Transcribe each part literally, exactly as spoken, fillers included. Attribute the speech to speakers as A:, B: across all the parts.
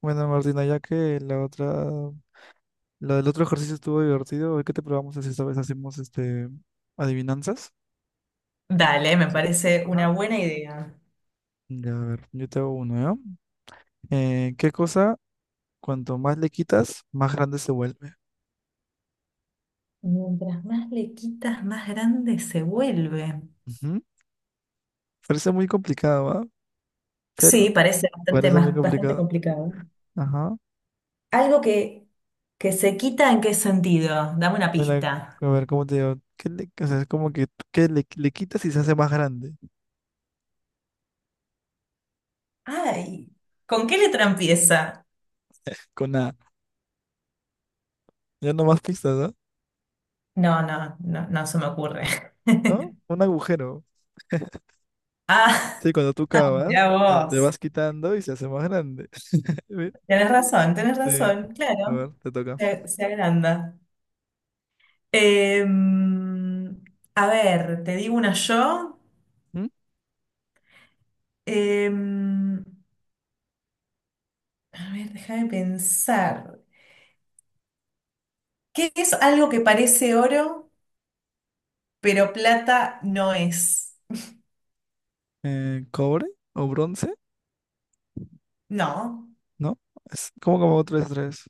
A: Bueno, Martina, ya que la otra, la del otro ejercicio estuvo divertido, hoy que te probamos es esta vez hacemos este adivinanzas.
B: Dale, me parece
A: Ajá.
B: una buena idea.
A: Ya, a ver, yo te hago uno, ¿ya? Eh, ¿qué cosa, cuanto más le quitas, más grande se vuelve?
B: Mientras más le quitas, más grande se vuelve.
A: Ujú. Parece muy complicado, ¿va?
B: Sí,
A: Pero
B: parece bastante
A: parece muy
B: más, bastante
A: complicado.
B: complicado.
A: Ajá.
B: Algo que, que se quita, ¿en qué sentido? Dame una
A: Mira,
B: pista.
A: a ver, ¿cómo te digo? ¿Qué le, o sea, es como que ¿qué le, le quitas y se hace más grande?
B: Ay, ¿con qué letra empieza?
A: Con nada. Ya no más pistas, ¿no?
B: No, no, no, no se me ocurre.
A: ¿No? Un agujero.
B: Ah,
A: Sí, cuando tú cavas,
B: mirá
A: eh, te
B: vos.
A: vas quitando y se hace más grande. Ve,
B: Tenés razón, tenés
A: sí,
B: razón,
A: a
B: claro.
A: ver, te toca.
B: Se, se agranda. Em, a ver, te digo una yo.
A: ¿Mm?
B: Em, A ver, déjame pensar. ¿Qué es algo que parece oro, pero plata no es?
A: Eh, ¿cobre o bronce?
B: No,
A: ¿No? Es como como tres, tres.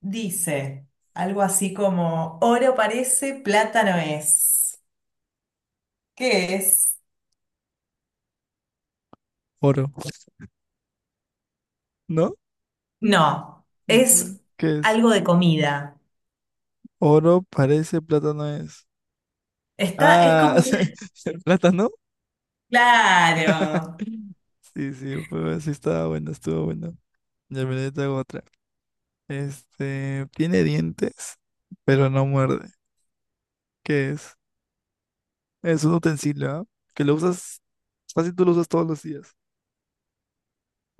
B: dice algo así como oro parece, plata no es. ¿Qué es?
A: Oro. ¿No?
B: No,
A: Ujú.
B: es
A: ¿Qué es?
B: algo de comida.
A: Oro parece, plátano es.
B: Está, es
A: Ah,
B: como un-
A: ¿el plátano?
B: Claro.
A: Sí, sí, pues sí estaba bueno, estuvo bueno. Ya me te hago otra. Este, tiene dientes, pero no muerde. ¿Qué es? Es un utensilio, ¿ah? Que lo usas, casi tú lo usas todos los días.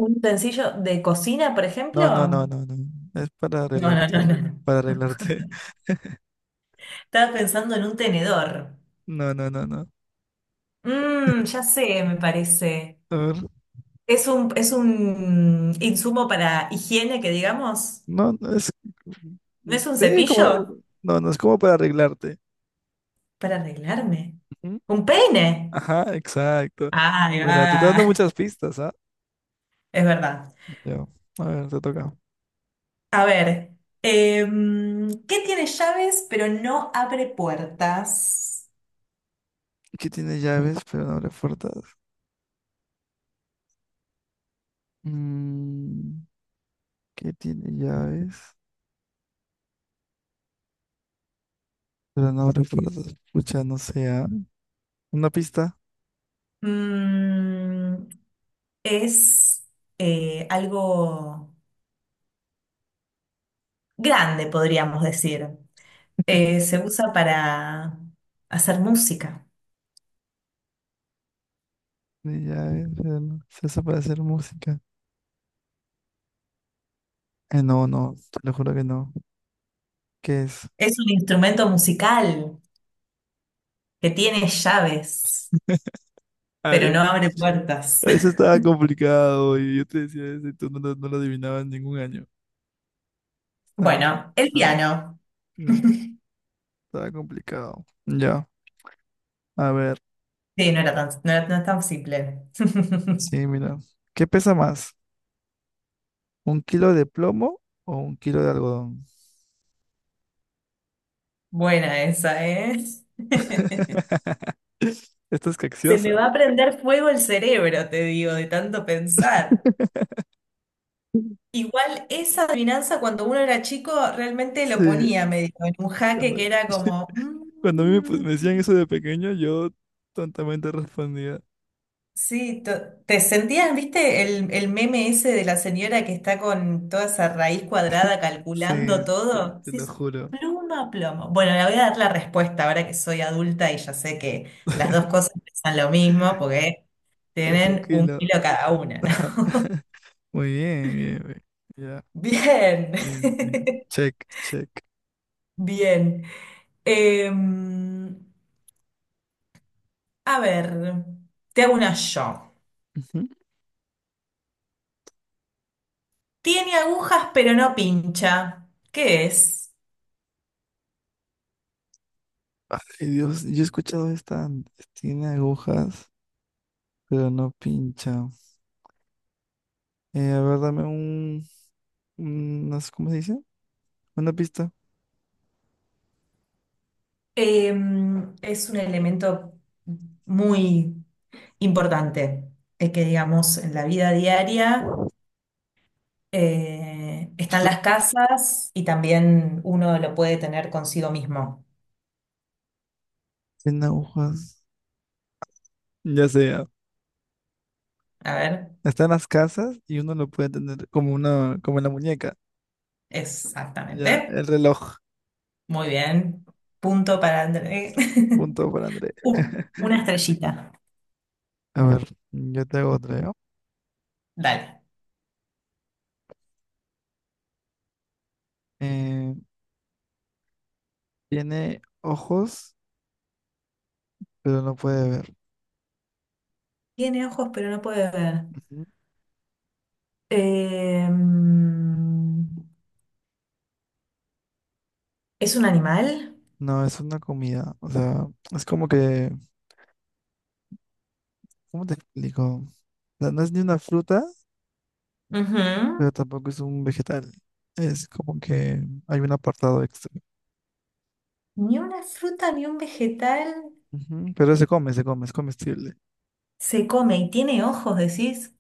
B: ¿Un utensilio de cocina, por ejemplo?
A: No, no, no,
B: No,
A: no, no. Es para
B: no,
A: arreglarte.
B: no, no.
A: Para arreglarte.
B: Estaba pensando en un tenedor.
A: No, no, no, no.
B: Mmm, ya sé, me parece.
A: A ver.
B: Es un, es un insumo para higiene, que digamos.
A: No, no es.
B: ¿No
A: mm,
B: es un
A: Sí, como.
B: cepillo?
A: No, no es como para arreglarte.
B: Para arreglarme.
A: Ujú.
B: ¿Un peine?
A: Ajá, exacto.
B: Ahí
A: Mira, te está dando
B: va.
A: muchas pistas, ¿ah?
B: Es verdad.
A: Ya. A ver, te toca.
B: A ver, em, ¿qué tiene llaves pero no abre puertas?
A: ¿Qué tiene llaves, pero no abre puertas? Mm, ¿qué tiene llaves? Pero no abre puertas. Pucha, no sé. ¿Ah? Una pista
B: Mm, es eh, algo grande, podríamos decir. Eh, se usa para hacer música.
A: de llaves, pero no. Se hace para hacer música. Eh, no, no, te lo juro que no. ¿Qué es?
B: Es un instrumento musical que tiene llaves, pero
A: Ay,
B: no abre puertas.
A: eso estaba complicado y yo te decía eso y tú no, lo no lo adivinabas en ningún año. Estaba, muy-
B: Bueno, el
A: estaba,
B: piano.
A: mm, estaba complicado. Ya, a ver,
B: Sí, no era tan, no era- no es tan simple.
A: sí, mira. ¿Qué pesa más? ¿Un kilo de plomo o un kilo de algodón?
B: Buena esa, ¿eh?
A: Esta es
B: Se me
A: capciosa.
B: va a prender fuego el cerebro, te digo, de tanto pensar. Igual esa adivinanza cuando uno era chico realmente lo
A: Sí,
B: ponía medio en un jaque
A: cuando,
B: que era como...
A: cuando a mí me, pu-
B: mm,
A: me decían eso de pequeño, yo tontamente respondía,
B: sí, to- te sentías, viste, el, el meme ese de la señora que está con toda esa raíz cuadrada
A: sí,
B: calculando
A: te,
B: todo.
A: te
B: Sí,
A: lo
B: es
A: juro,
B: pluma a plomo. Bueno, le voy a dar la respuesta ahora que soy adulta y ya sé que las dos cosas pesan lo mismo porque
A: es un
B: tienen un
A: kilo.
B: kilo cada una, ¿no?
A: Muy bien, bien, bien. Ya.
B: Bien,
A: Eh, eh, check, check.
B: bien. Em, a ver, te hago una yo.
A: Ujú.
B: Tiene agujas pero no pincha. ¿Qué es?
A: Ay, Dios, yo he escuchado esta, antes. Tiene agujas, pero no pincha. Eh, a ver, dame un, unas, ¿cómo se dice? Una pista.
B: Em, es un elemento muy importante, eh, que digamos en la vida diaria eh, están
A: Solo
B: las casas y también uno lo puede tener consigo mismo.
A: tiene agujas. Ya sea.
B: A ver,
A: Está en las casas y uno lo puede tener como una, como en la muñeca. Ya,
B: exactamente.
A: el reloj.
B: Muy bien. Punto para André.
A: Punto para André.
B: Uh, una estrellita.
A: A ver, yo te hago otra, ¿ya?
B: Dale.
A: Eh, tiene ojos, pero no puede ver.
B: Tiene ojos, pero no puede ver.
A: Ujú.
B: Em, ¿es un animal?
A: No, es una comida. O sea, es como que, ¿cómo te explico? No, no es ni una fruta,
B: Ujú.
A: pero tampoco es un vegetal. Es como que hay un apartado extra.
B: Ni una fruta, ni un vegetal.
A: Ujú, pero se come, se come, es comestible.
B: Se come y tiene ojos, decís.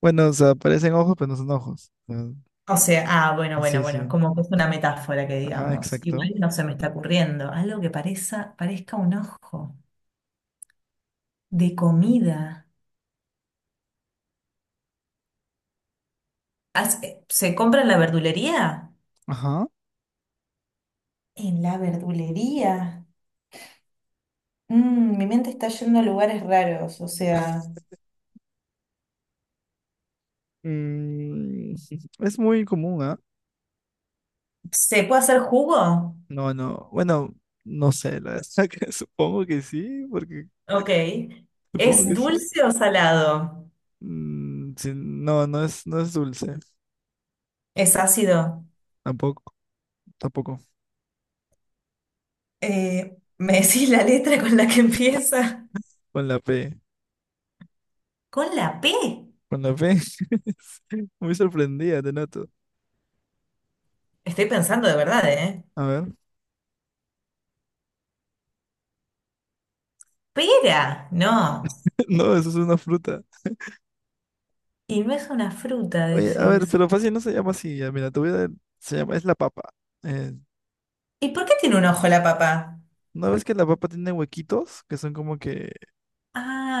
A: Bueno, o sea, parecen ojos, pero no son ojos. Ah,
B: O sea, ah, bueno, bueno,
A: sí,
B: bueno,
A: sí.
B: como que es una metáfora que
A: Ajá,
B: digamos.
A: exacto.
B: Igual no se me está ocurriendo. Algo que parezca, parezca un ojo de comida. Haz- eh, ¿se compra en la verdulería?
A: Ajá.
B: En la verdulería. Mm, mi mente está yendo a lugares raros, o sea.
A: Mm, es muy común, ¿ah?
B: ¿Se puede hacer jugo?
A: No, no. Bueno, no sé, la verdad que supongo que sí, porque
B: Ok.
A: supongo
B: ¿Es
A: que sí.
B: dulce o salado?
A: Mm, sí, no, no es, no es dulce.
B: ¿Es ácido?
A: Tampoco, tampoco.
B: Eh, ¿me decís la letra con la que empieza?
A: Con la P.
B: ¿Con la P?
A: Cuando ves, muy sorprendida, te noto.
B: Estoy pensando de verdad, ¿eh?
A: A ver,
B: Pera, no.
A: no, eso es una fruta.
B: Y no es una fruta,
A: Oye, a ver,
B: decís.
A: pero fácil no se llama así. Ya, mira, te voy a dar- se llama, es la papa. Eh,
B: ¿Y por qué tiene un ojo la papa?
A: ¿no ves que la papa tiene huequitos? Que son como que,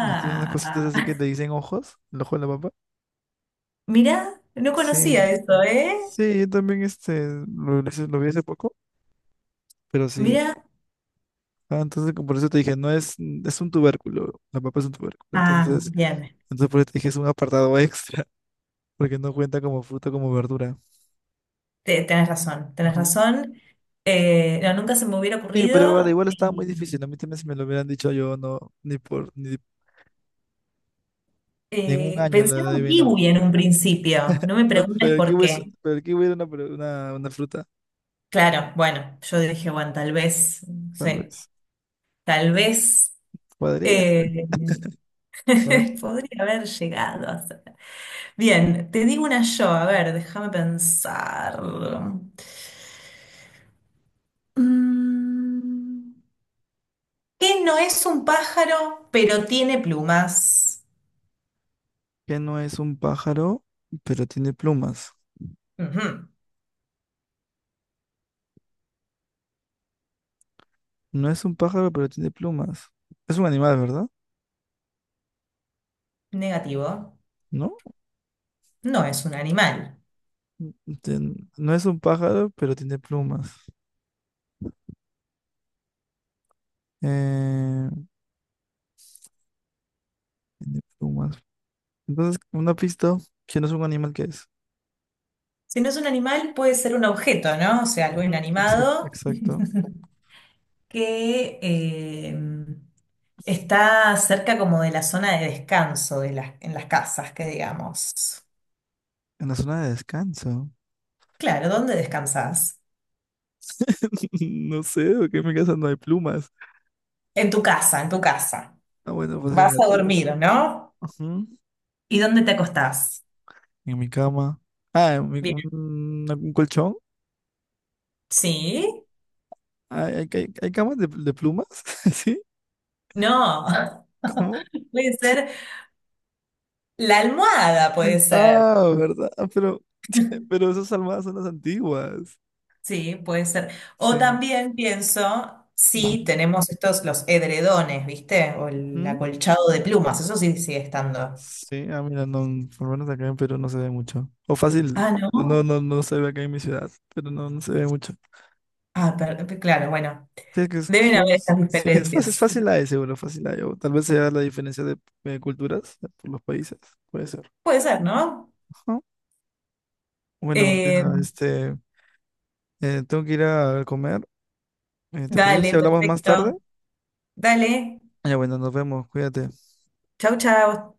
A: y tiene unas cositas así que te dicen ojos, el ojo de la papa.
B: mirá, no conocía
A: Sí,
B: eso, ¿eh?
A: sí, yo también este, lo, lo hice- lo vi hace poco, pero sí.
B: Mirá.
A: Ah, entonces como por eso te dije, no es, es un tubérculo, la papa es un tubérculo.
B: Ah,
A: Entonces,
B: bien.
A: entonces por eso te dije, es un apartado extra, porque no cuenta como fruta, como verdura.
B: Te- tenés razón, tenés
A: Ajá.
B: razón. Eh, no, nunca se me hubiera
A: Sí, pero vale,
B: ocurrido.
A: igual estaba muy
B: Eh,
A: difícil. A mí también si me lo hubieran dicho yo, no, ni por, ni, ni en un
B: eh,
A: año lo
B: pensé en un
A: adivino.
B: kiwi en un principio. No me
A: No, no,
B: preguntes
A: pero aquí
B: por
A: hubiese,
B: qué.
A: pero aquí hubiera una, pro- una, una fruta,
B: Claro, bueno, yo dije, bueno, tal vez, no
A: tal
B: sé,
A: vez.
B: tal vez.
A: Podría ser.
B: eh,
A: A ver,
B: Podría haber llegado a ser. Bien, te digo una yo, a ver, déjame pensar. Mm, ¿Qué no es un pájaro, pero tiene plumas?
A: ¿qué no es un pájaro, pero tiene plumas?
B: Ujú,
A: No es un pájaro, pero tiene plumas. Es un animal, ¿verdad?
B: negativo.
A: ¿No?
B: No es un animal.
A: Ten- no es un pájaro, pero tiene plumas. Eh, tiene plumas. Entonces, una pista, si no es un animal, ¿qué es?
B: Si no es un animal, puede ser un objeto, ¿no? O sea, algo
A: Ujú, exacto,
B: inanimado
A: exacto.
B: que eh, está cerca como de la zona de descanso de las, en las casas, que digamos.
A: En la zona de descanso.
B: Claro, ¿dónde descansas?
A: No sé, porque en mi casa no hay plumas.
B: En tu casa, en tu casa.
A: Ah, bueno, pues
B: Vas
A: en la
B: a
A: tuya. Sí.
B: dormir, ¿no?
A: Ujú,
B: ¿Y dónde te acostás?
A: en mi cama. Ah, en mi- un,
B: Bien.
A: un colchón.
B: ¿Sí?
A: ¿Hay, hay, hay- hay camas de, de plumas? ¿Sí?
B: No.
A: ¿Cómo?
B: Puede ser la almohada, puede ser.
A: Ah, ¿verdad? Ah, Pero, pero esas almohadas son las antiguas.
B: Sí, puede ser. O
A: Sí.
B: también pienso,
A: Ujú.
B: sí, tenemos estos, los edredones, ¿viste? O el
A: ¿Mm?
B: acolchado de plumas, eso sí sigue estando.
A: Sí, ah, mira, no, por lo menos acá en Perú no se ve mucho. O fácil,
B: Ah,
A: no,
B: ¿no?
A: no, no se ve acá en mi ciudad, pero no, no se ve mucho.
B: Ah, per- per- claro, bueno.
A: Sí, que es,
B: Deben
A: son-
B: haber estas
A: es- sí, es fácil, es
B: diferencias.
A: fácil la de seguro, fácil la de. O tal vez sea la diferencia de, eh, culturas eh, por los países, puede ser.
B: Puede ser, ¿no?
A: Ajá. Bueno,
B: Eh,
A: Martina, este, eh, tengo que ir a comer. Eh, ¿te parece si
B: dale,
A: hablamos más tarde?
B: perfecto. Dale.
A: Ya, bueno, nos vemos, cuídate.
B: Chau, chau.